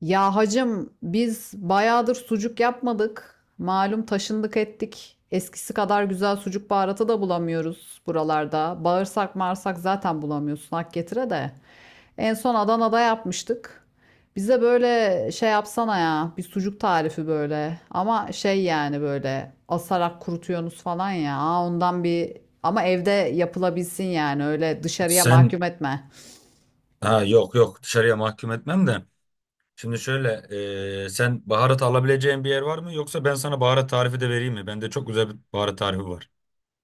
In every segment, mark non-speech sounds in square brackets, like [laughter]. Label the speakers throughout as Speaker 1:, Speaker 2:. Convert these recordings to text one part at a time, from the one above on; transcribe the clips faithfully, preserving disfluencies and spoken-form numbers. Speaker 1: Ya hacım biz bayağıdır sucuk yapmadık. Malum taşındık ettik. Eskisi kadar güzel sucuk baharatı da bulamıyoruz buralarda. Bağırsak marsak zaten bulamıyorsun hak getire de. En son Adana'da yapmıştık. Bize böyle şey yapsana ya bir sucuk tarifi böyle. Ama şey yani böyle asarak kurutuyorsunuz falan ya. Aa, ondan bir ama evde yapılabilsin yani öyle dışarıya
Speaker 2: Sen
Speaker 1: mahkum etme.
Speaker 2: ha yok yok, dışarıya mahkum etmem de. Şimdi şöyle, e, sen baharat alabileceğin bir yer var mı? Yoksa ben sana baharat tarifi de vereyim mi? Bende çok güzel bir baharat tarifi var.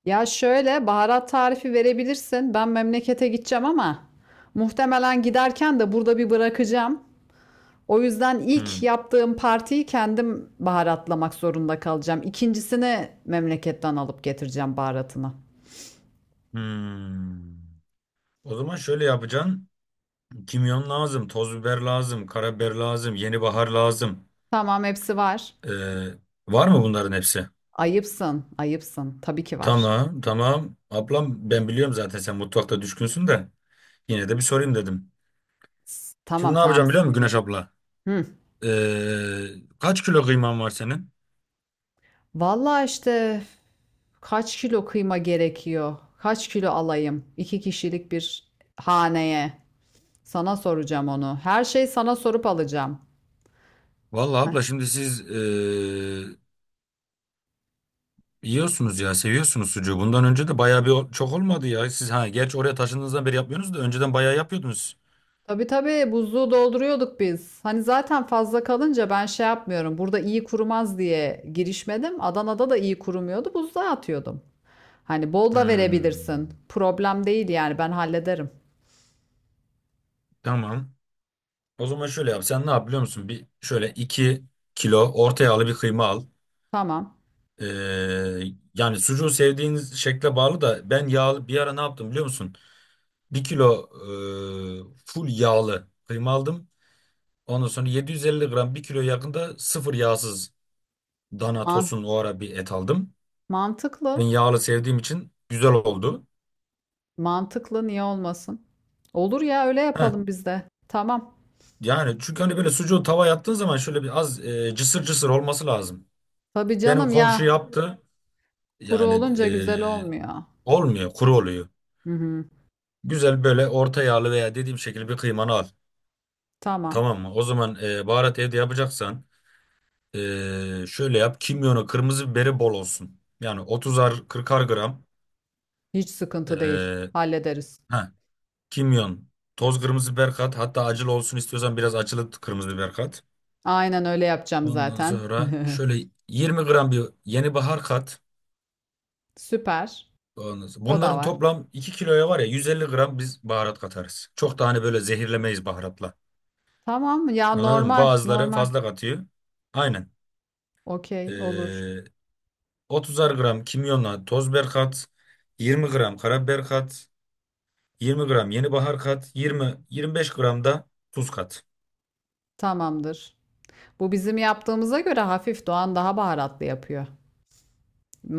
Speaker 1: Ya şöyle baharat tarifi verebilirsin. Ben memlekete gideceğim ama muhtemelen giderken de burada bir bırakacağım. O yüzden ilk
Speaker 2: Hmm.
Speaker 1: yaptığım partiyi kendim baharatlamak zorunda kalacağım. İkincisini memleketten alıp getireceğim baharatını.
Speaker 2: Hmm. O zaman şöyle yapacaksın. Kimyon lazım, toz biber lazım, karabiber lazım, yeni bahar lazım.
Speaker 1: Tamam hepsi var.
Speaker 2: E, var mı bunların hepsi?
Speaker 1: Ayıpsın, ayıpsın. Tabii ki var.
Speaker 2: Tamam, tamam. Ablam, ben biliyorum zaten sen mutfakta düşkünsün de. Yine de bir sorayım dedim.
Speaker 1: S-
Speaker 2: Şimdi
Speaker 1: Tamam,
Speaker 2: ne
Speaker 1: tamam,
Speaker 2: yapacağım biliyor musun
Speaker 1: sıkıntı yok.
Speaker 2: Güneş abla?
Speaker 1: Hı.
Speaker 2: E, kaç kilo kıyman var senin?
Speaker 1: Vallahi işte kaç kilo kıyma gerekiyor? Kaç kilo alayım? İki kişilik bir haneye. Sana soracağım onu. Her şeyi sana sorup alacağım.
Speaker 2: Vallahi
Speaker 1: Heh.
Speaker 2: abla, şimdi siz e, yiyorsunuz ya, seviyorsunuz sucuğu. Bundan önce de bayağı bir çok olmadı ya. Siz ha, gerçi oraya taşındığınızdan beri yapmıyorsunuz da önceden bayağı yapıyordunuz.
Speaker 1: Tabii tabii buzluğu dolduruyorduk biz. Hani zaten fazla kalınca ben şey yapmıyorum. Burada iyi kurumaz diye girişmedim. Adana'da da iyi kurumuyordu. Buzluğa atıyordum. Hani bol da verebilirsin.
Speaker 2: Hmm,
Speaker 1: Problem değil yani ben hallederim.
Speaker 2: tamam. O zaman şöyle yap. Sen ne yap biliyor musun? Bir şöyle iki kilo orta yağlı bir kıyma al.
Speaker 1: Tamam.
Speaker 2: E, yani, sucuğu sevdiğiniz şekle bağlı da ben yağlı bir ara ne yaptım biliyor musun? Bir kilo e, full yağlı kıyma aldım. Ondan sonra yedi yüz elli gram, bir kilo yakında sıfır yağsız Dana
Speaker 1: Man
Speaker 2: tosun, o ara bir et aldım. Ben
Speaker 1: mantıklı.
Speaker 2: yağlı sevdiğim için güzel oldu.
Speaker 1: Mantıklı niye olmasın? Olur ya öyle
Speaker 2: Heh,
Speaker 1: yapalım biz de. Tamam.
Speaker 2: yani çünkü hani böyle sucuğu tavaya attığın zaman şöyle bir az e, cısır cısır olması lazım.
Speaker 1: Tabii
Speaker 2: Benim
Speaker 1: canım
Speaker 2: komşu
Speaker 1: ya.
Speaker 2: yaptı.
Speaker 1: Kuru
Speaker 2: Yani
Speaker 1: olunca
Speaker 2: e,
Speaker 1: güzel olmuyor.
Speaker 2: olmuyor, kuru oluyor.
Speaker 1: Hı hı.
Speaker 2: Güzel böyle orta yağlı veya dediğim şekilde bir kıymanı al.
Speaker 1: Tamam.
Speaker 2: Tamam mı? O zaman e, baharat evde yapacaksan, e, şöyle yap. Kimyonu, kırmızı biberi bol olsun. Yani otuzar kırkar gram.
Speaker 1: Hiç sıkıntı değil.
Speaker 2: E,
Speaker 1: Hallederiz.
Speaker 2: heh, kimyon, toz kırmızı biber kat. Hatta acılı olsun istiyorsan biraz acılı kırmızı biber kat.
Speaker 1: Aynen öyle yapacağım
Speaker 2: Ondan
Speaker 1: zaten.
Speaker 2: sonra
Speaker 1: [laughs]
Speaker 2: şöyle yirmi gram bir yeni bahar kat.
Speaker 1: Süper.
Speaker 2: Ondan sonra-
Speaker 1: O da
Speaker 2: Bunların
Speaker 1: var.
Speaker 2: toplam iki kiloya var ya, yüz elli gram biz baharat katarız. Çok da hani böyle zehirlemeyiz baharatla.
Speaker 1: Tamam ya,
Speaker 2: Anladın mı?
Speaker 1: normal
Speaker 2: Bazıları
Speaker 1: normal.
Speaker 2: fazla katıyor. Aynen.
Speaker 1: Okey olur.
Speaker 2: Ee, otuzar gram kimyonla toz biber kat. yirmi gram karabiber kat. yirmi gram yeni bahar kat. yirmi yirmi beş gram da tuz kat.
Speaker 1: Tamamdır. Bu bizim yaptığımıza göre hafif Doğan daha baharatlı yapıyor.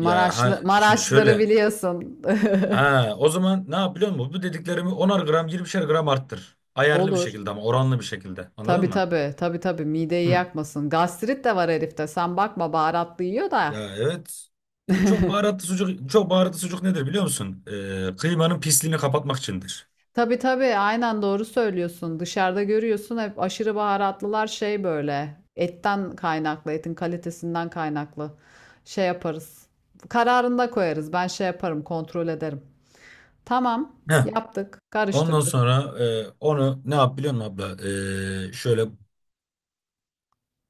Speaker 2: Ya ha, şimdi
Speaker 1: Maraşları
Speaker 2: şöyle.
Speaker 1: biliyorsun.
Speaker 2: Ha, o zaman ne yap biliyor musun? Bu dediklerimi onar gram, yirmişer gram arttır.
Speaker 1: [laughs]
Speaker 2: Ayarlı bir
Speaker 1: Olur.
Speaker 2: şekilde ama oranlı bir şekilde.
Speaker 1: Tabii
Speaker 2: Anladın mı?
Speaker 1: tabii tabii tabii mideyi
Speaker 2: Hı.
Speaker 1: yakmasın. Gastrit de var herifte. Sen bakma, baharatlı yiyor da.
Speaker 2: Ya evet. Ya çok baharatlı sucuk, çok baharatlı sucuk nedir biliyor musun? Ee, kıymanın pisliğini kapatmak içindir.
Speaker 1: Tabii tabii aynen doğru söylüyorsun. Dışarıda görüyorsun hep aşırı baharatlılar şey böyle. Etten kaynaklı, etin kalitesinden kaynaklı. Şey yaparız. Kararında koyarız. Ben şey yaparım, kontrol ederim. Tamam,
Speaker 2: Heh.
Speaker 1: yaptık,
Speaker 2: Ondan
Speaker 1: karıştırdık.
Speaker 2: sonra, e, onu ne yap biliyor musun abla? Ee, şöyle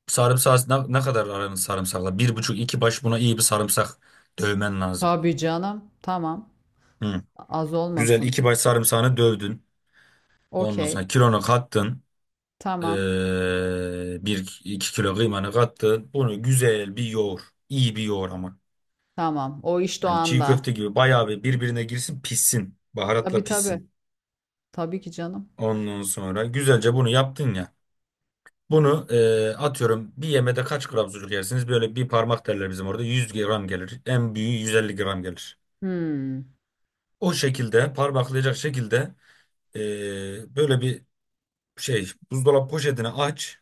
Speaker 2: sarımsak, ne, ne kadar aranız sarımsakla? Bir buçuk iki baş buna iyi bir sarımsak dövmen lazım.
Speaker 1: Tabii canım, tamam.
Speaker 2: Hı.
Speaker 1: Az
Speaker 2: Güzel
Speaker 1: olmasın.
Speaker 2: iki baş sarımsağını dövdün. Ondan
Speaker 1: Okey,
Speaker 2: sonra kilonu kattın. Ee,
Speaker 1: tamam,
Speaker 2: bir iki kilo kıymanı kattın. Bunu güzel bir yoğur. İyi bir yoğur ama.
Speaker 1: tamam. O iş
Speaker 2: Yani çiğ
Speaker 1: doğanda.
Speaker 2: köfte gibi bayağı bir birbirine girsin pişsin. Baharatla
Speaker 1: Tabii tabii.
Speaker 2: pişsin.
Speaker 1: Tabii ki canım.
Speaker 2: Ondan sonra güzelce bunu yaptın ya. Bunu, ee, atıyorum, bir yemede kaç gram sucuk yersiniz? Böyle bir parmak derler bizim orada. yüz gram gelir. En büyüğü yüz elli gram gelir.
Speaker 1: Hmm.
Speaker 2: O şekilde parmaklayacak şekilde, ee, böyle bir şey, buzdolabı poşetini aç.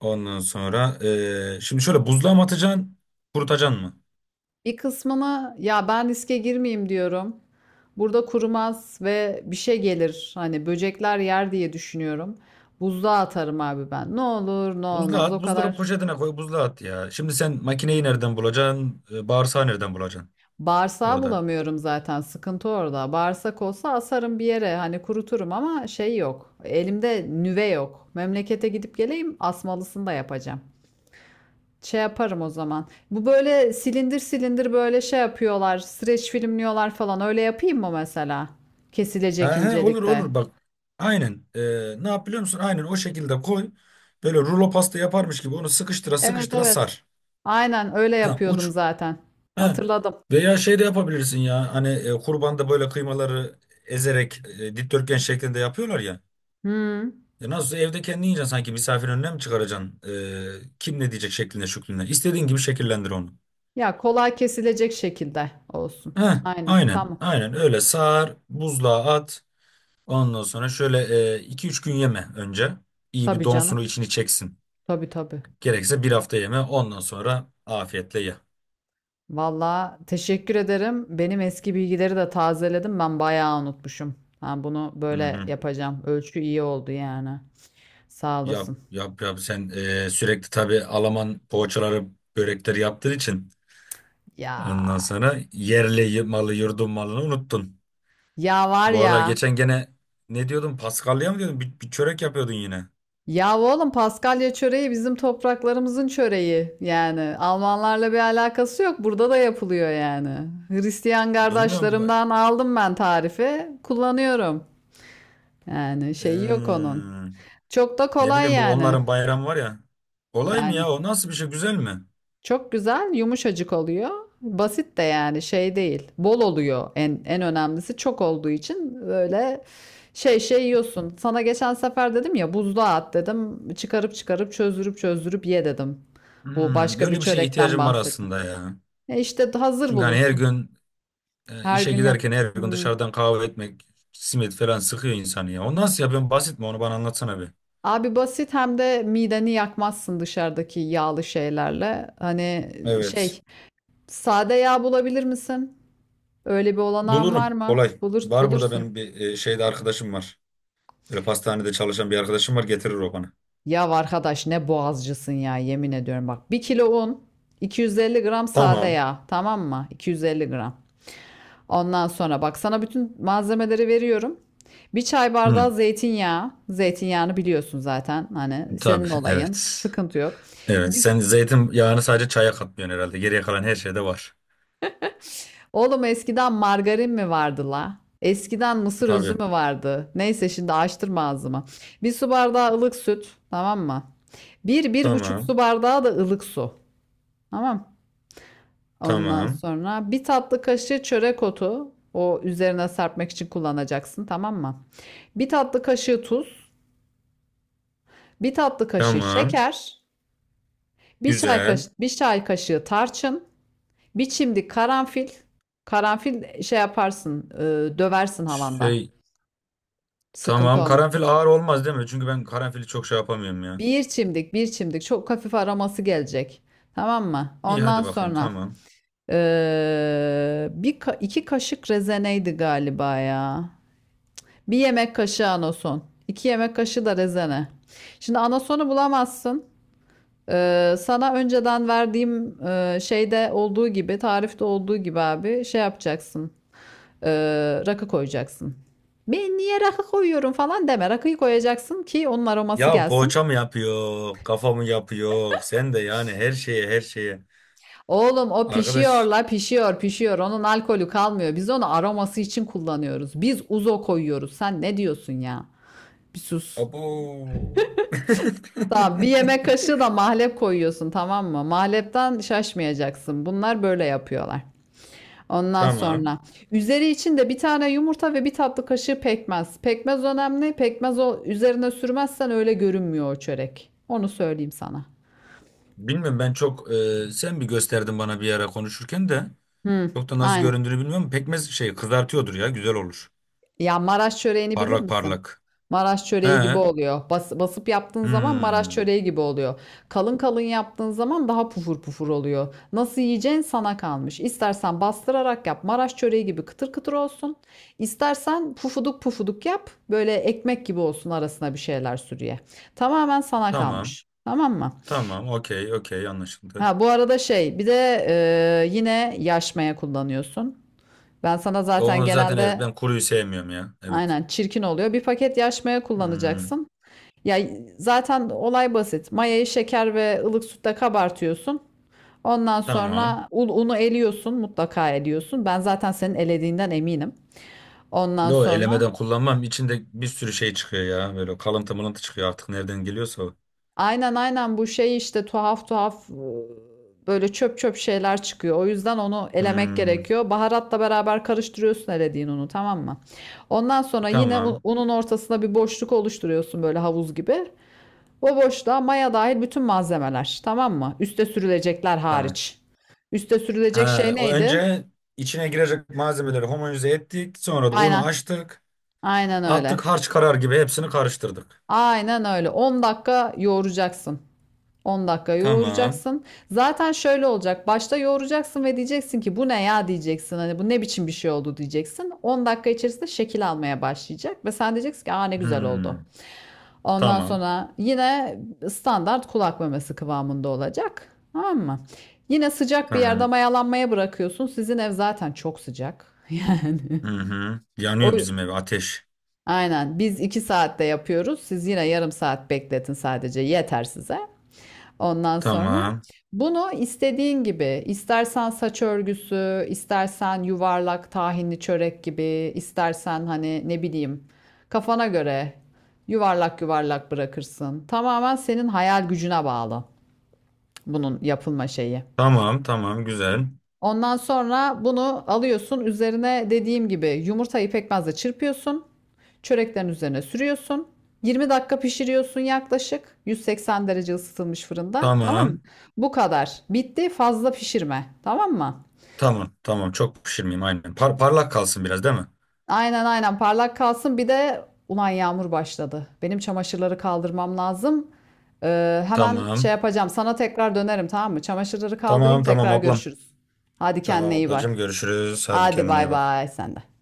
Speaker 2: Ondan sonra, ee, şimdi şöyle, buzluğa mı atacaksın? Kurutacaksın mı?
Speaker 1: Bir kısmını ya, ben riske girmeyeyim diyorum. Burada kurumaz ve bir şey gelir. Hani böcekler yer diye düşünüyorum. Buzluğa atarım abi ben. Ne olur ne
Speaker 2: Buzluğa
Speaker 1: olmaz, o
Speaker 2: at, buzdolabı
Speaker 1: kadar.
Speaker 2: poşetine koy, buzluğa at ya. Şimdi sen makineyi nereden bulacaksın, e, bağırsağı nereden bulacaksın
Speaker 1: Bağırsağı
Speaker 2: orada?
Speaker 1: bulamıyorum zaten. Sıkıntı orada. Bağırsak olsa asarım bir yere. Hani kuruturum ama şey yok. Elimde nüve yok. Memlekete gidip geleyim, asmalısını da yapacağım. Şey yaparım o zaman. Bu böyle silindir silindir böyle şey yapıyorlar. Streç filmliyorlar falan. Öyle yapayım mı mesela?
Speaker 2: He
Speaker 1: Kesilecek
Speaker 2: he, olur
Speaker 1: incelikte.
Speaker 2: olur, bak. Aynen. E, ne yap biliyor musun? Aynen o şekilde koy. Böyle rulo pasta yaparmış gibi onu sıkıştıra
Speaker 1: Evet
Speaker 2: sıkıştıra
Speaker 1: evet.
Speaker 2: sar.
Speaker 1: Aynen öyle
Speaker 2: Ha
Speaker 1: yapıyordum
Speaker 2: uç.
Speaker 1: zaten.
Speaker 2: He.
Speaker 1: Hatırladım.
Speaker 2: Veya şey de yapabilirsin ya. Hani, e, kurbanda böyle kıymaları ezerek, e, dikdörtgen şeklinde yapıyorlar ya.
Speaker 1: Hmm.
Speaker 2: E, nasıl, evde kendi yiyeceksin sanki misafir önüne mi çıkaracaksın? E, kim ne diyecek şeklinde şüklüne. İstediğin gibi şekillendir onu.
Speaker 1: Ya kolay kesilecek şekilde olsun.
Speaker 2: Heh,
Speaker 1: Aynen.
Speaker 2: aynen
Speaker 1: Tamam.
Speaker 2: aynen öyle sar, buzluğa at, ondan sonra şöyle, e, iki üç gün yeme önce iyi bir
Speaker 1: Tabii canım.
Speaker 2: donsunu içini çeksin,
Speaker 1: Tabii tabii.
Speaker 2: gerekirse bir hafta yeme, ondan sonra afiyetle ye.
Speaker 1: Valla teşekkür ederim. Benim eski bilgileri de tazeledim. Ben bayağı unutmuşum. Ha, bunu
Speaker 2: Hı
Speaker 1: böyle
Speaker 2: hı.
Speaker 1: yapacağım. Ölçü iyi oldu yani. Sağ
Speaker 2: Yap
Speaker 1: olasın.
Speaker 2: yap yap sen, e, sürekli tabii Alman poğaçaları börekleri yaptığın için
Speaker 1: Ya.
Speaker 2: ondan sonra yerli y- malı yurdun malını unuttun.
Speaker 1: Ya var
Speaker 2: Bu aralar
Speaker 1: ya.
Speaker 2: geçen gene ne diyordun, Paskalya mı diyordun, bir, bir çörek yapıyordun yine
Speaker 1: Ya oğlum, Paskalya çöreği bizim topraklarımızın çöreği. Yani Almanlarla bir alakası yok. Burada da yapılıyor yani. Hristiyan
Speaker 2: bilmiyorum. bu-
Speaker 1: kardeşlerimden aldım ben tarifi. Kullanıyorum. Yani şey yok onun.
Speaker 2: Hmm.
Speaker 1: Çok da
Speaker 2: Ne
Speaker 1: kolay
Speaker 2: bileyim bu
Speaker 1: yani.
Speaker 2: onların bayramı var ya. Olay mı
Speaker 1: Yani.
Speaker 2: ya, o nasıl bir şey, güzel mi?
Speaker 1: Çok güzel, yumuşacık oluyor. Basit de yani, şey değil. Bol oluyor, en en önemlisi çok olduğu için böyle şey şey yiyorsun. Sana geçen sefer dedim ya, buzluğa at dedim. Çıkarıp çıkarıp, çözdürüp çözdürüp ye dedim. Bu
Speaker 2: Hmm,
Speaker 1: başka bir
Speaker 2: öyle bir şeye
Speaker 1: çörekten
Speaker 2: ihtiyacım var
Speaker 1: bahsettim.
Speaker 2: aslında ya.
Speaker 1: E işte, hazır
Speaker 2: Çünkü hani her
Speaker 1: bulunsun.
Speaker 2: gün, e,
Speaker 1: Her
Speaker 2: işe
Speaker 1: gün yap.
Speaker 2: giderken her gün
Speaker 1: Hmm.
Speaker 2: dışarıdan kahve etmek, simit falan sıkıyor insanı ya. O nasıl ya, ben basit mi onu bana anlatsana bir.
Speaker 1: Abi basit, hem de mideni yakmazsın dışarıdaki yağlı şeylerle. Hani
Speaker 2: Evet.
Speaker 1: şey, sade yağ bulabilir misin? Öyle bir olanağın var
Speaker 2: Bulurum
Speaker 1: mı?
Speaker 2: kolay.
Speaker 1: Bulur,
Speaker 2: Var burada
Speaker 1: bulursun.
Speaker 2: benim bir, e, şeyde arkadaşım var. Böyle pastanede çalışan bir arkadaşım var, getirir o bana.
Speaker 1: Ya arkadaş, ne boğazcısın ya, yemin ediyorum bak. Bir kilo un, iki yüz elli gram sade
Speaker 2: Tamam.
Speaker 1: yağ, tamam mı? iki yüz elli gram. Ondan sonra bak, sana bütün malzemeleri veriyorum. Bir çay
Speaker 2: Hı,
Speaker 1: bardağı zeytinyağı. Zeytinyağını biliyorsun zaten, hani
Speaker 2: tabii
Speaker 1: senin olayın.
Speaker 2: evet.
Speaker 1: Sıkıntı yok.
Speaker 2: Evet,
Speaker 1: Biz
Speaker 2: sen zeytin yağını sadece çaya katmıyorsun herhalde. Geriye kalan her şeyde var.
Speaker 1: oğlum, eskiden margarin mi vardı la? Eskiden mısır özü
Speaker 2: Tabii.
Speaker 1: mü vardı? Neyse, şimdi açtırma ağzımı. Bir su bardağı ılık süt, tamam mı? Bir, bir buçuk su
Speaker 2: Tamam.
Speaker 1: bardağı da ılık su. Tamam. Ondan
Speaker 2: Tamam.
Speaker 1: sonra bir tatlı kaşığı çörek otu. O üzerine serpmek için kullanacaksın, tamam mı? Bir tatlı kaşığı tuz, bir tatlı kaşığı
Speaker 2: Tamam.
Speaker 1: şeker, bir çay
Speaker 2: Güzel.
Speaker 1: kaşığı, bir çay kaşığı tarçın, bir çimdik karanfil. Karanfil şey yaparsın, e, döversin havanda.
Speaker 2: Şey,
Speaker 1: Sıkıntı
Speaker 2: tamam,
Speaker 1: olmaz.
Speaker 2: karanfil ağır olmaz değil mi? Çünkü ben karanfili çok şey yapamıyorum ya.
Speaker 1: Bir çimdik, bir çimdik. Çok hafif aroması gelecek. Tamam mı?
Speaker 2: İyi
Speaker 1: Ondan
Speaker 2: hadi bakayım,
Speaker 1: sonra
Speaker 2: tamam.
Speaker 1: e, bir ka- iki kaşık rezeneydi galiba ya. Bir yemek kaşığı anason. İki yemek kaşığı da rezene. Şimdi anasonu bulamazsın. Ee, sana önceden verdiğim e, şeyde olduğu gibi, tarifte olduğu gibi abi şey yapacaksın. Ee, rakı koyacaksın. Ben niye rakı koyuyorum falan deme. Rakıyı koyacaksın ki onun aroması
Speaker 2: Ya
Speaker 1: gelsin.
Speaker 2: poğaça mı yapıyor? Kafa mı yapıyor? Sen de yani her şeye her şeye.
Speaker 1: Oğlum o pişiyor
Speaker 2: Arkadaş.
Speaker 1: la, pişiyor pişiyor. Onun alkolü kalmıyor. Biz onu aroması için kullanıyoruz. Biz uzo koyuyoruz. Sen ne diyorsun ya? Bir sus.
Speaker 2: Abo.
Speaker 1: Tamam, bir
Speaker 2: [laughs]
Speaker 1: yemek kaşığı da mahlep koyuyorsun, tamam mı? Mahlepten şaşmayacaksın. Bunlar böyle yapıyorlar. Ondan
Speaker 2: Tamam.
Speaker 1: sonra üzeri için de bir tane yumurta ve bir tatlı kaşığı pekmez. Pekmez önemli. Pekmez, o üzerine sürmezsen öyle görünmüyor o çörek. Onu söyleyeyim sana.
Speaker 2: Bilmiyorum, ben çok, e, sen bir gösterdin bana bir ara konuşurken de
Speaker 1: Hı,
Speaker 2: çok da nasıl
Speaker 1: aynen.
Speaker 2: göründüğünü bilmiyorum. Pekmez şey kızartıyordur ya, güzel olur.
Speaker 1: Ya Maraş çöreğini bilir
Speaker 2: Parlak
Speaker 1: misin?
Speaker 2: parlak.
Speaker 1: Maraş
Speaker 2: He.
Speaker 1: çöreği gibi oluyor. Bas, basıp yaptığın zaman Maraş
Speaker 2: Hmm.
Speaker 1: çöreği gibi oluyor. Kalın kalın yaptığın zaman daha pufur pufur oluyor. Nasıl yiyeceğin sana kalmış. İstersen bastırarak yap, Maraş çöreği gibi kıtır kıtır olsun. İstersen pufuduk pufuduk yap, böyle ekmek gibi olsun, arasına bir şeyler sür ye. Tamamen sana
Speaker 2: Tamam.
Speaker 1: kalmış. Tamam mı?
Speaker 2: Tamam, okey, okey, anlaşıldı.
Speaker 1: Ha bu arada şey, bir de e, yine yaşmaya kullanıyorsun. Ben sana zaten
Speaker 2: Onu zaten evet
Speaker 1: genelde
Speaker 2: ben kuruyu sevmiyorum ya. Evet.
Speaker 1: aynen, çirkin oluyor. Bir paket yaş maya
Speaker 2: Hmm,
Speaker 1: kullanacaksın. Ya zaten olay basit. Mayayı şeker ve ılık sütle kabartıyorsun. Ondan
Speaker 2: tamam.
Speaker 1: sonra un- unu eliyorsun, mutlaka eliyorsun. Ben zaten senin elediğinden eminim. Ondan
Speaker 2: Yo,
Speaker 1: sonra
Speaker 2: elemeden kullanmam. İçinde bir sürü şey çıkıyor ya. Böyle kalıntı mılıntı çıkıyor artık nereden geliyorsa o.
Speaker 1: aynen aynen, bu şey işte, tuhaf tuhaf e, böyle çöp çöp şeyler çıkıyor. O yüzden onu elemek
Speaker 2: Hmm,
Speaker 1: gerekiyor. Baharatla beraber karıştırıyorsun elediğin unu, tamam mı? Ondan sonra yine un-
Speaker 2: tamam.
Speaker 1: unun ortasına bir boşluk oluşturuyorsun, böyle havuz gibi. Bu boşluğa maya dahil bütün malzemeler, tamam mı? Üste sürülecekler
Speaker 2: Tamam.
Speaker 1: hariç. Üste sürülecek şey
Speaker 2: Ha, o
Speaker 1: neydi?
Speaker 2: önce içine girecek malzemeleri homojenize ettik. Sonra da unu
Speaker 1: Aynen.
Speaker 2: açtık.
Speaker 1: Aynen öyle.
Speaker 2: Attık, harç karar gibi hepsini karıştırdık.
Speaker 1: Aynen öyle. on dakika yoğuracaksın. on dakika
Speaker 2: Tamam.
Speaker 1: yoğuracaksın. Zaten şöyle olacak. Başta yoğuracaksın ve diyeceksin ki bu ne ya diyeceksin. Hani bu ne biçim bir şey oldu diyeceksin. on dakika içerisinde şekil almaya başlayacak ve sen diyeceksin ki, aa ne güzel oldu.
Speaker 2: Hmm,
Speaker 1: Ondan
Speaker 2: tamam.
Speaker 1: sonra yine standart kulak memesi kıvamında olacak. Tamam mı? Yine sıcak bir yerde
Speaker 2: Tamam.
Speaker 1: mayalanmaya bırakıyorsun. Sizin ev zaten çok sıcak. [laughs]
Speaker 2: Hı hı.
Speaker 1: O
Speaker 2: Yanıyor bizim ev, ateş.
Speaker 1: aynen, biz iki saatte yapıyoruz. Siz yine yarım saat bekletin, sadece yeter size. Ondan sonra
Speaker 2: Tamam.
Speaker 1: bunu istediğin gibi, istersen saç örgüsü, istersen yuvarlak tahinli çörek gibi, istersen hani ne bileyim kafana göre yuvarlak yuvarlak bırakırsın. Tamamen senin hayal gücüne bağlı bunun yapılma şeyi.
Speaker 2: Tamam tamam güzel.
Speaker 1: Ondan sonra bunu alıyorsun. Üzerine dediğim gibi yumurtayı pekmezle çırpıyorsun. Çöreklerin üzerine sürüyorsun. yirmi dakika pişiriyorsun yaklaşık yüz seksen derece ısıtılmış fırında. Tamam mı?
Speaker 2: Tamam.
Speaker 1: Bu kadar. Bitti. Fazla pişirme. Tamam mı?
Speaker 2: Tamam. Tamam. Çok pişirmeyeyim aynen. Par- parlak kalsın biraz değil mi?
Speaker 1: Aynen aynen parlak kalsın. Bir de ulan yağmur başladı. Benim çamaşırları kaldırmam lazım. Ee, hemen şey
Speaker 2: Tamam.
Speaker 1: yapacağım. Sana tekrar dönerim, tamam mı? Çamaşırları kaldırayım,
Speaker 2: Tamam tamam
Speaker 1: tekrar
Speaker 2: ablam.
Speaker 1: görüşürüz. Hadi
Speaker 2: Tamam
Speaker 1: kendine iyi bak.
Speaker 2: ablacığım görüşürüz. Hadi
Speaker 1: Hadi
Speaker 2: kendine iyi
Speaker 1: bay
Speaker 2: bak.
Speaker 1: bay sen de.